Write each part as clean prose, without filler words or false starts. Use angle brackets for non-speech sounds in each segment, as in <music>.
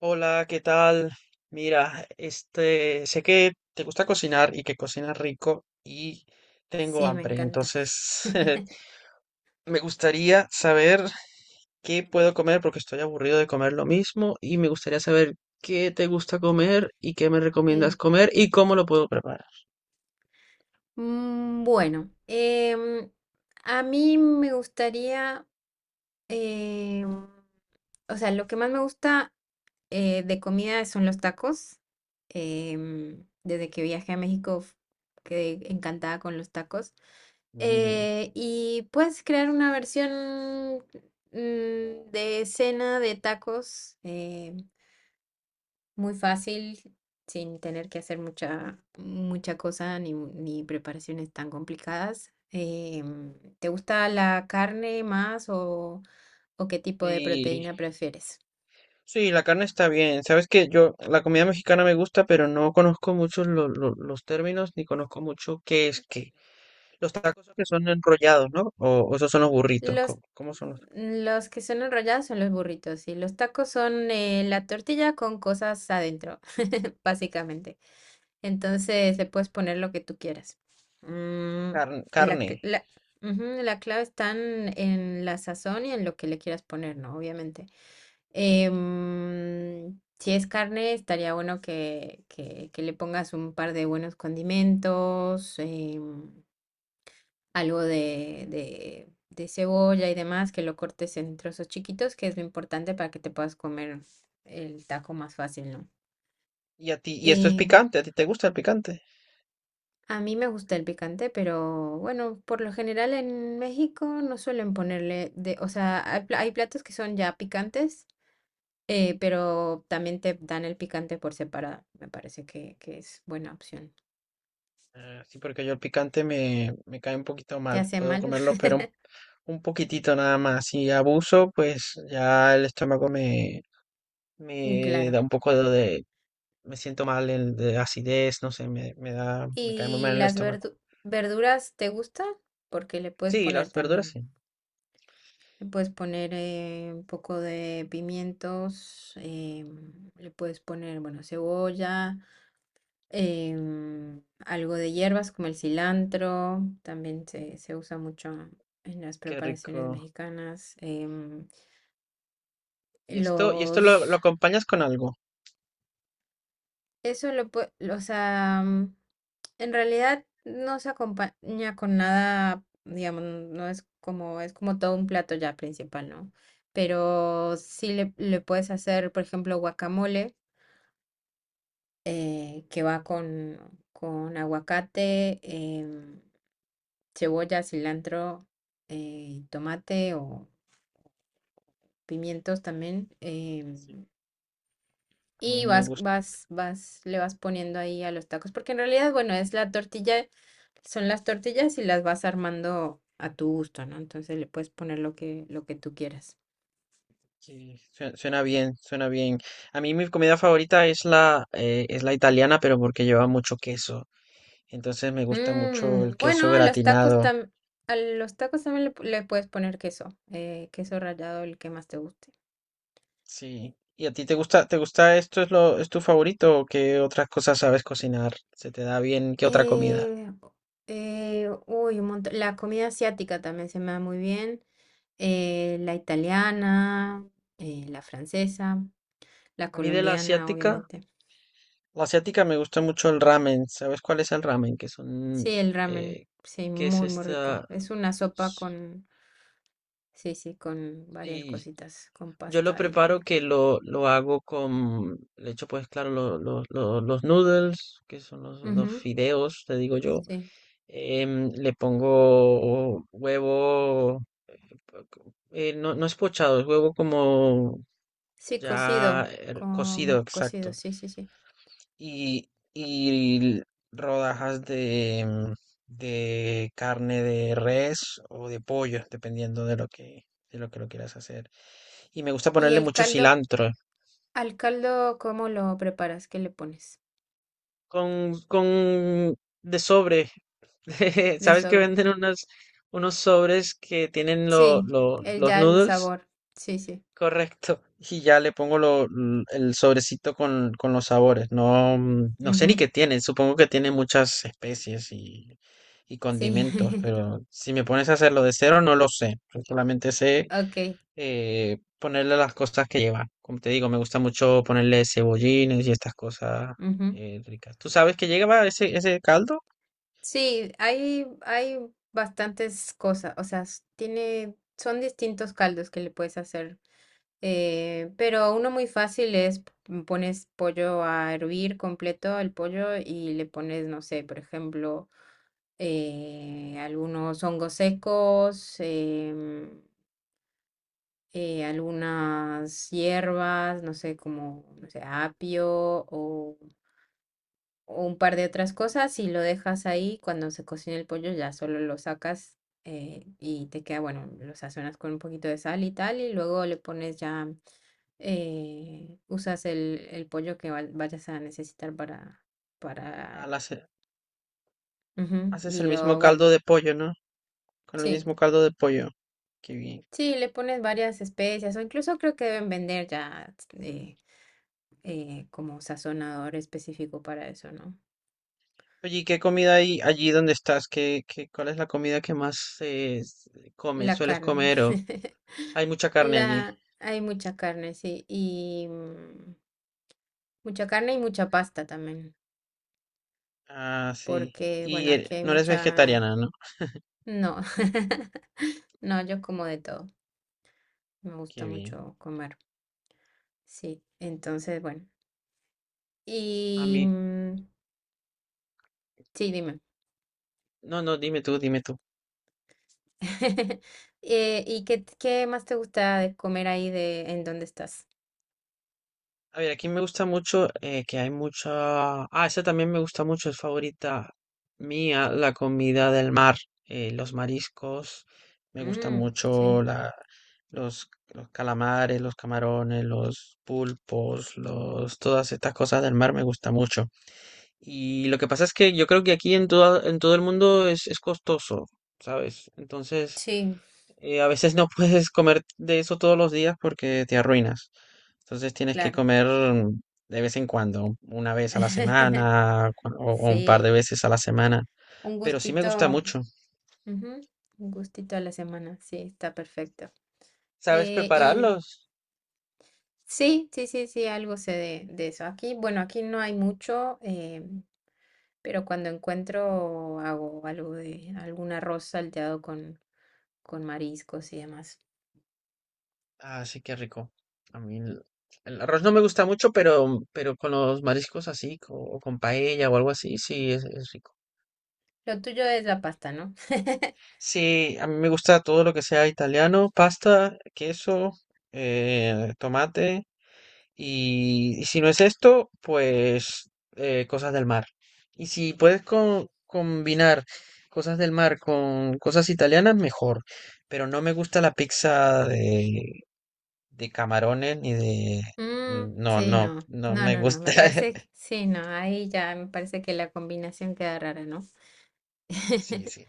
Hola, ¿qué tal? Mira, este, sé que te gusta cocinar y que cocinas rico y tengo Sí, me hambre, encanta. entonces <laughs> me gustaría saber qué puedo comer porque estoy aburrido de comer lo mismo y me gustaría saber qué te gusta comer y qué me recomiendas Eh, comer y cómo lo puedo preparar. mm, bueno, em, a mí me gustaría, em, o sea, lo que más me gusta de comida son los tacos. Desde que viajé a México quedé encantada con los tacos. Mm. Y puedes crear una versión de cena de tacos. Muy fácil, sin tener que hacer mucha cosa ni preparaciones tan complicadas. ¿Te gusta la carne más o qué tipo de Sí, proteína prefieres? sí, la carne está bien. Sabes que yo, la comida mexicana me gusta, pero no conozco mucho los términos ni conozco mucho qué es qué. Los tacos que son enrollados, ¿no? O esos son los burritos. Los, ¿Cómo, cómo son los? los que son enrollados son los burritos y los tacos son la tortilla con cosas adentro, <laughs> básicamente. Entonces le puedes poner lo que tú quieras. Mm, la, Carne. cl- la, la clave está en la sazón y en lo que le quieras poner, ¿no? Obviamente. Si es carne, estaría bueno que le pongas un par de buenos condimentos, algo de cebolla y demás, que lo cortes en trozos chiquitos, que es lo importante para que te puedas comer el taco más fácil, ¿no? Y a ti, y esto es Eh, picante, ¿a ti te gusta el picante? a mí me gusta el picante, pero bueno, por lo general en México no suelen ponerle o sea, hay platos que son ya picantes. Pero también te dan el picante por separado. Me parece que es buena opción. Ah, sí, porque yo el picante me, me cae un poquito ¿Te mal. hace Puedo mal? comerlo, pero <laughs> un poquitito nada más. Si abuso, pues ya el estómago me, me Claro. da un poco de, me siento mal el, de acidez, no sé, me da, me cae muy ¿Y mal el las estómago. verdu- Verduras te gusta? Porque le puedes Sí, poner las verduras también. sí. Le puedes poner un poco de pimientos, le puedes poner, bueno, cebolla, algo de hierbas como el cilantro, también se usa mucho en las Qué preparaciones rico. mexicanas. Em, Y esto lo los acompañas con algo. Eso lo puede, o sea, en realidad no se acompaña con nada, digamos, no es como, es como todo un plato ya principal, ¿no? Pero sí le puedes hacer, por ejemplo, guacamole, que va con aguacate, cebolla, cilantro, tomate o pimientos también. Sí. A mí Y me gusta. Le vas poniendo ahí a los tacos, porque en realidad, bueno, es la tortilla, son las tortillas y las vas armando a tu gusto, ¿no? Entonces le puedes poner lo lo que tú quieras. Sí, suena, suena bien, suena bien. A mí mi comida favorita es la italiana, pero porque lleva mucho queso. Entonces me gusta mucho el Mm, queso bueno, a los tacos gratinado. tam- a los tacos también le puedes poner queso, queso rallado, el que más te guste. Sí. ¿Y a ti te gusta esto es lo, es tu favorito o qué otras cosas sabes cocinar? ¿Se te da bien? ¿Qué otra comida? Eh, un montón. La comida asiática también se me da muy bien. La italiana, la francesa, la A mí de colombiana, obviamente. la asiática me gusta mucho el ramen. ¿Sabes cuál es el ramen? Que son, Sí, el ramen, eh, sí, que es muy rico. esta. Es una sopa con, sí, sí, con varias Sí, cositas, con yo lo pasta preparo y... que lo hago con, le echo pues claro los noodles, que son los Ujú, fideos, te digo yo. sí, Le pongo huevo, no, no es pochado, es huevo como sí, ya cocido, cocido, como cocido, exacto. sí, sí, sí. Y rodajas de, de carne de res o de pollo, dependiendo de lo que lo quieras hacer. Y me gusta ¿Y ponerle el mucho caldo, cilantro. al caldo, cómo lo preparas? ¿Qué le pones? Con de sobre. <laughs> De ¿Sabes que sobre. venden unos, unos sobres que tienen Sí, el, los ya el noodles? sabor, sí, sí. Correcto. Y ya le pongo el sobrecito con los sabores. No, mm, no sé ni Ujú, qué tiene. Supongo que tiene muchas especies y sí, condimentos, <laughs> pero si me pones a hacerlo de cero, no lo sé. Solamente sé ok. Ponerle las cosas que lleva. Como te digo, me gusta mucho ponerle cebollines y estas cosas Ujú. Ricas. Tú sabes que lleva ese, ese caldo, Sí, hay bastantes cosas, o sea, tiene, son distintos caldos que le puedes hacer. Pero uno muy fácil es pones pollo a hervir completo el pollo y le pones, no sé, por ejemplo, algunos hongos secos, algunas hierbas, no sé, como, no sé, apio o un par de otras cosas y lo dejas ahí. Cuando se cocina el pollo ya solo lo sacas y te queda, bueno, lo sazonas con un poquito de sal y tal y luego le pones ya usas el pollo que vayas a necesitar a para, la ce- ujú, haces y el mismo lo, bueno, caldo de pollo, ¿no? Con el sí, mismo caldo de pollo. Qué bien. sí, le pones varias especias o incluso creo que deben vender ya eh, como sazonador específico para eso, ¿no? Oye, ¿y qué comida hay allí donde estás? ¿Qué, qué, cuál es la comida que más comes, La sueles carne, comer? O... Hay mucha <laughs> carne allí. la, hay mucha carne, sí, y mucha carne y mucha pasta también, Ah, sí. porque, bueno, Y aquí hay no eres mucha, vegetariana, ¿no? no, <laughs> no, yo como de todo, me gusta Qué mucho bien. comer. Sí, entonces, bueno. A Y mí, mm, sí, dime. no, no, dime tú, dime tú. <laughs> ¿Y qué más te gusta de comer ahí de en dónde estás? A ver, aquí me gusta mucho que hay mucha... Ah, esa también me gusta mucho, es favorita mía, la comida del mar, los mariscos, me gustan Mm, sí, mucho la, los calamares, los camarones, los pulpos, los, todas estas cosas del mar me gusta mucho. Y lo que pasa es que yo creo que aquí en todo el mundo es costoso, ¿sabes? Entonces... sí, a veces no puedes comer de eso todos los días porque te arruinas. Entonces tienes que claro. comer mm, de vez en cuando, una vez a la <laughs> semana o un par de Sí, veces a la semana. un Pero sí me gusta gustito, mucho. ujú, un gustito a la semana, sí, está perfecto. ¿Sabes Eh, y prepararlos? Sí, sí, sí, sí, algo sé de eso. Aquí, bueno, aquí no hay mucho, pero cuando encuentro hago algo de algún arroz salteado con mariscos y demás. Ah, sí, qué rico. A mí el arroz no me gusta mucho, pero con los mariscos así, o con paella o algo así, sí, es rico. Lo tuyo es la pasta, ¿no? <laughs> Sí, a mí me gusta todo lo que sea italiano, pasta, queso, tomate. Y si no es esto, pues cosas del mar. Y si puedes combinar cosas del mar con cosas italianas, mejor. Pero no me gusta la pizza de camarones ni de... No, Sí, no, no, no no, me no, no, gusta. me parece que <laughs> sí, no, ahí ya me parece que la combinación queda rara, ¿no? Sí, <laughs> sí.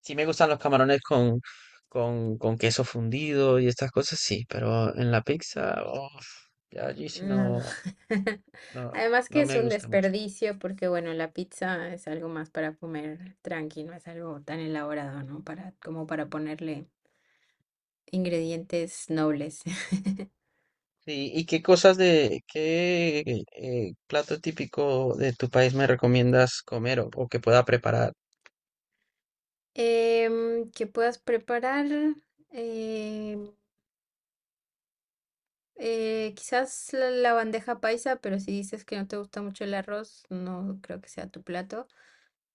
Sí me gustan los camarones con queso fundido y estas cosas, sí. Pero en la pizza, uf, ya allí sí No. no, <laughs> no, Además que no es me un gusta mucho. desperdicio porque, bueno, la pizza es algo más para comer tranqui, no es algo tan elaborado, ¿no? Para, como para ponerle ingredientes nobles. <laughs> Sí, ¿y qué cosas de, qué plato típico de tu país me recomiendas comer o que pueda preparar? Que puedas preparar em, quizás la bandeja paisa, pero si dices que no te gusta mucho el arroz, no creo que sea tu plato.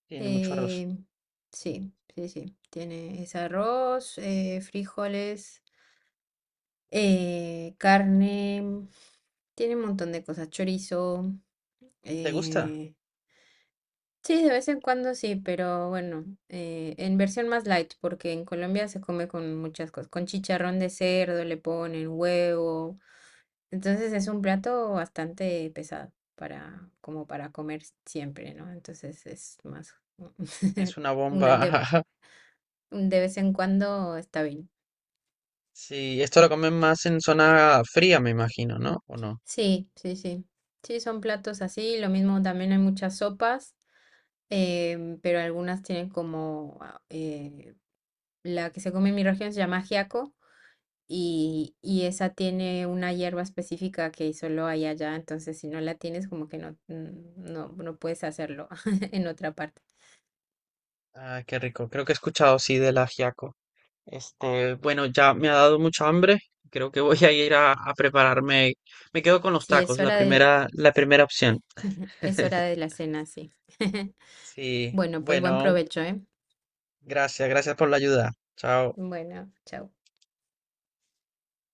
Tiene mucho arroz. Em, sí, sí, sí. Tiene ese arroz, frijoles. Carne, tiene un montón de cosas, chorizo. ¿Te gusta? eh, sí, de vez en cuando sí, pero bueno, en versión más light, porque en Colombia se come con muchas cosas, con chicharrón de cerdo, le ponen huevo. Entonces es un plato bastante pesado para, como para comer siempre, ¿no? Entonces es más, Es <laughs> una una bomba. <laughs> De vez en cuando está bien. Sí, esto lo comen más en zona fría, me imagino, ¿no? ¿O no? Sí, sí, sí. Sí, son platos así. Lo mismo también hay muchas sopas. Pero algunas tienen como, la que se come en mi región se llama ajiaco y esa tiene una hierba específica que solo hay allá, entonces si no la tienes como que no, no, no puedes hacerlo <laughs> en otra parte. Ah, qué rico. Creo que he escuchado, sí, del ajiaco. Este, bueno, ya me ha dado mucha hambre. Creo que voy a ir a prepararme. Me quedo con los Sí, tacos, es hora de, la primera opción. <laughs> es hora de <laughs> la cena, sí. <laughs> Sí, Bueno, pues buen bueno, provecho, ¿eh? gracias, gracias por la ayuda. Chao. Bueno, chao.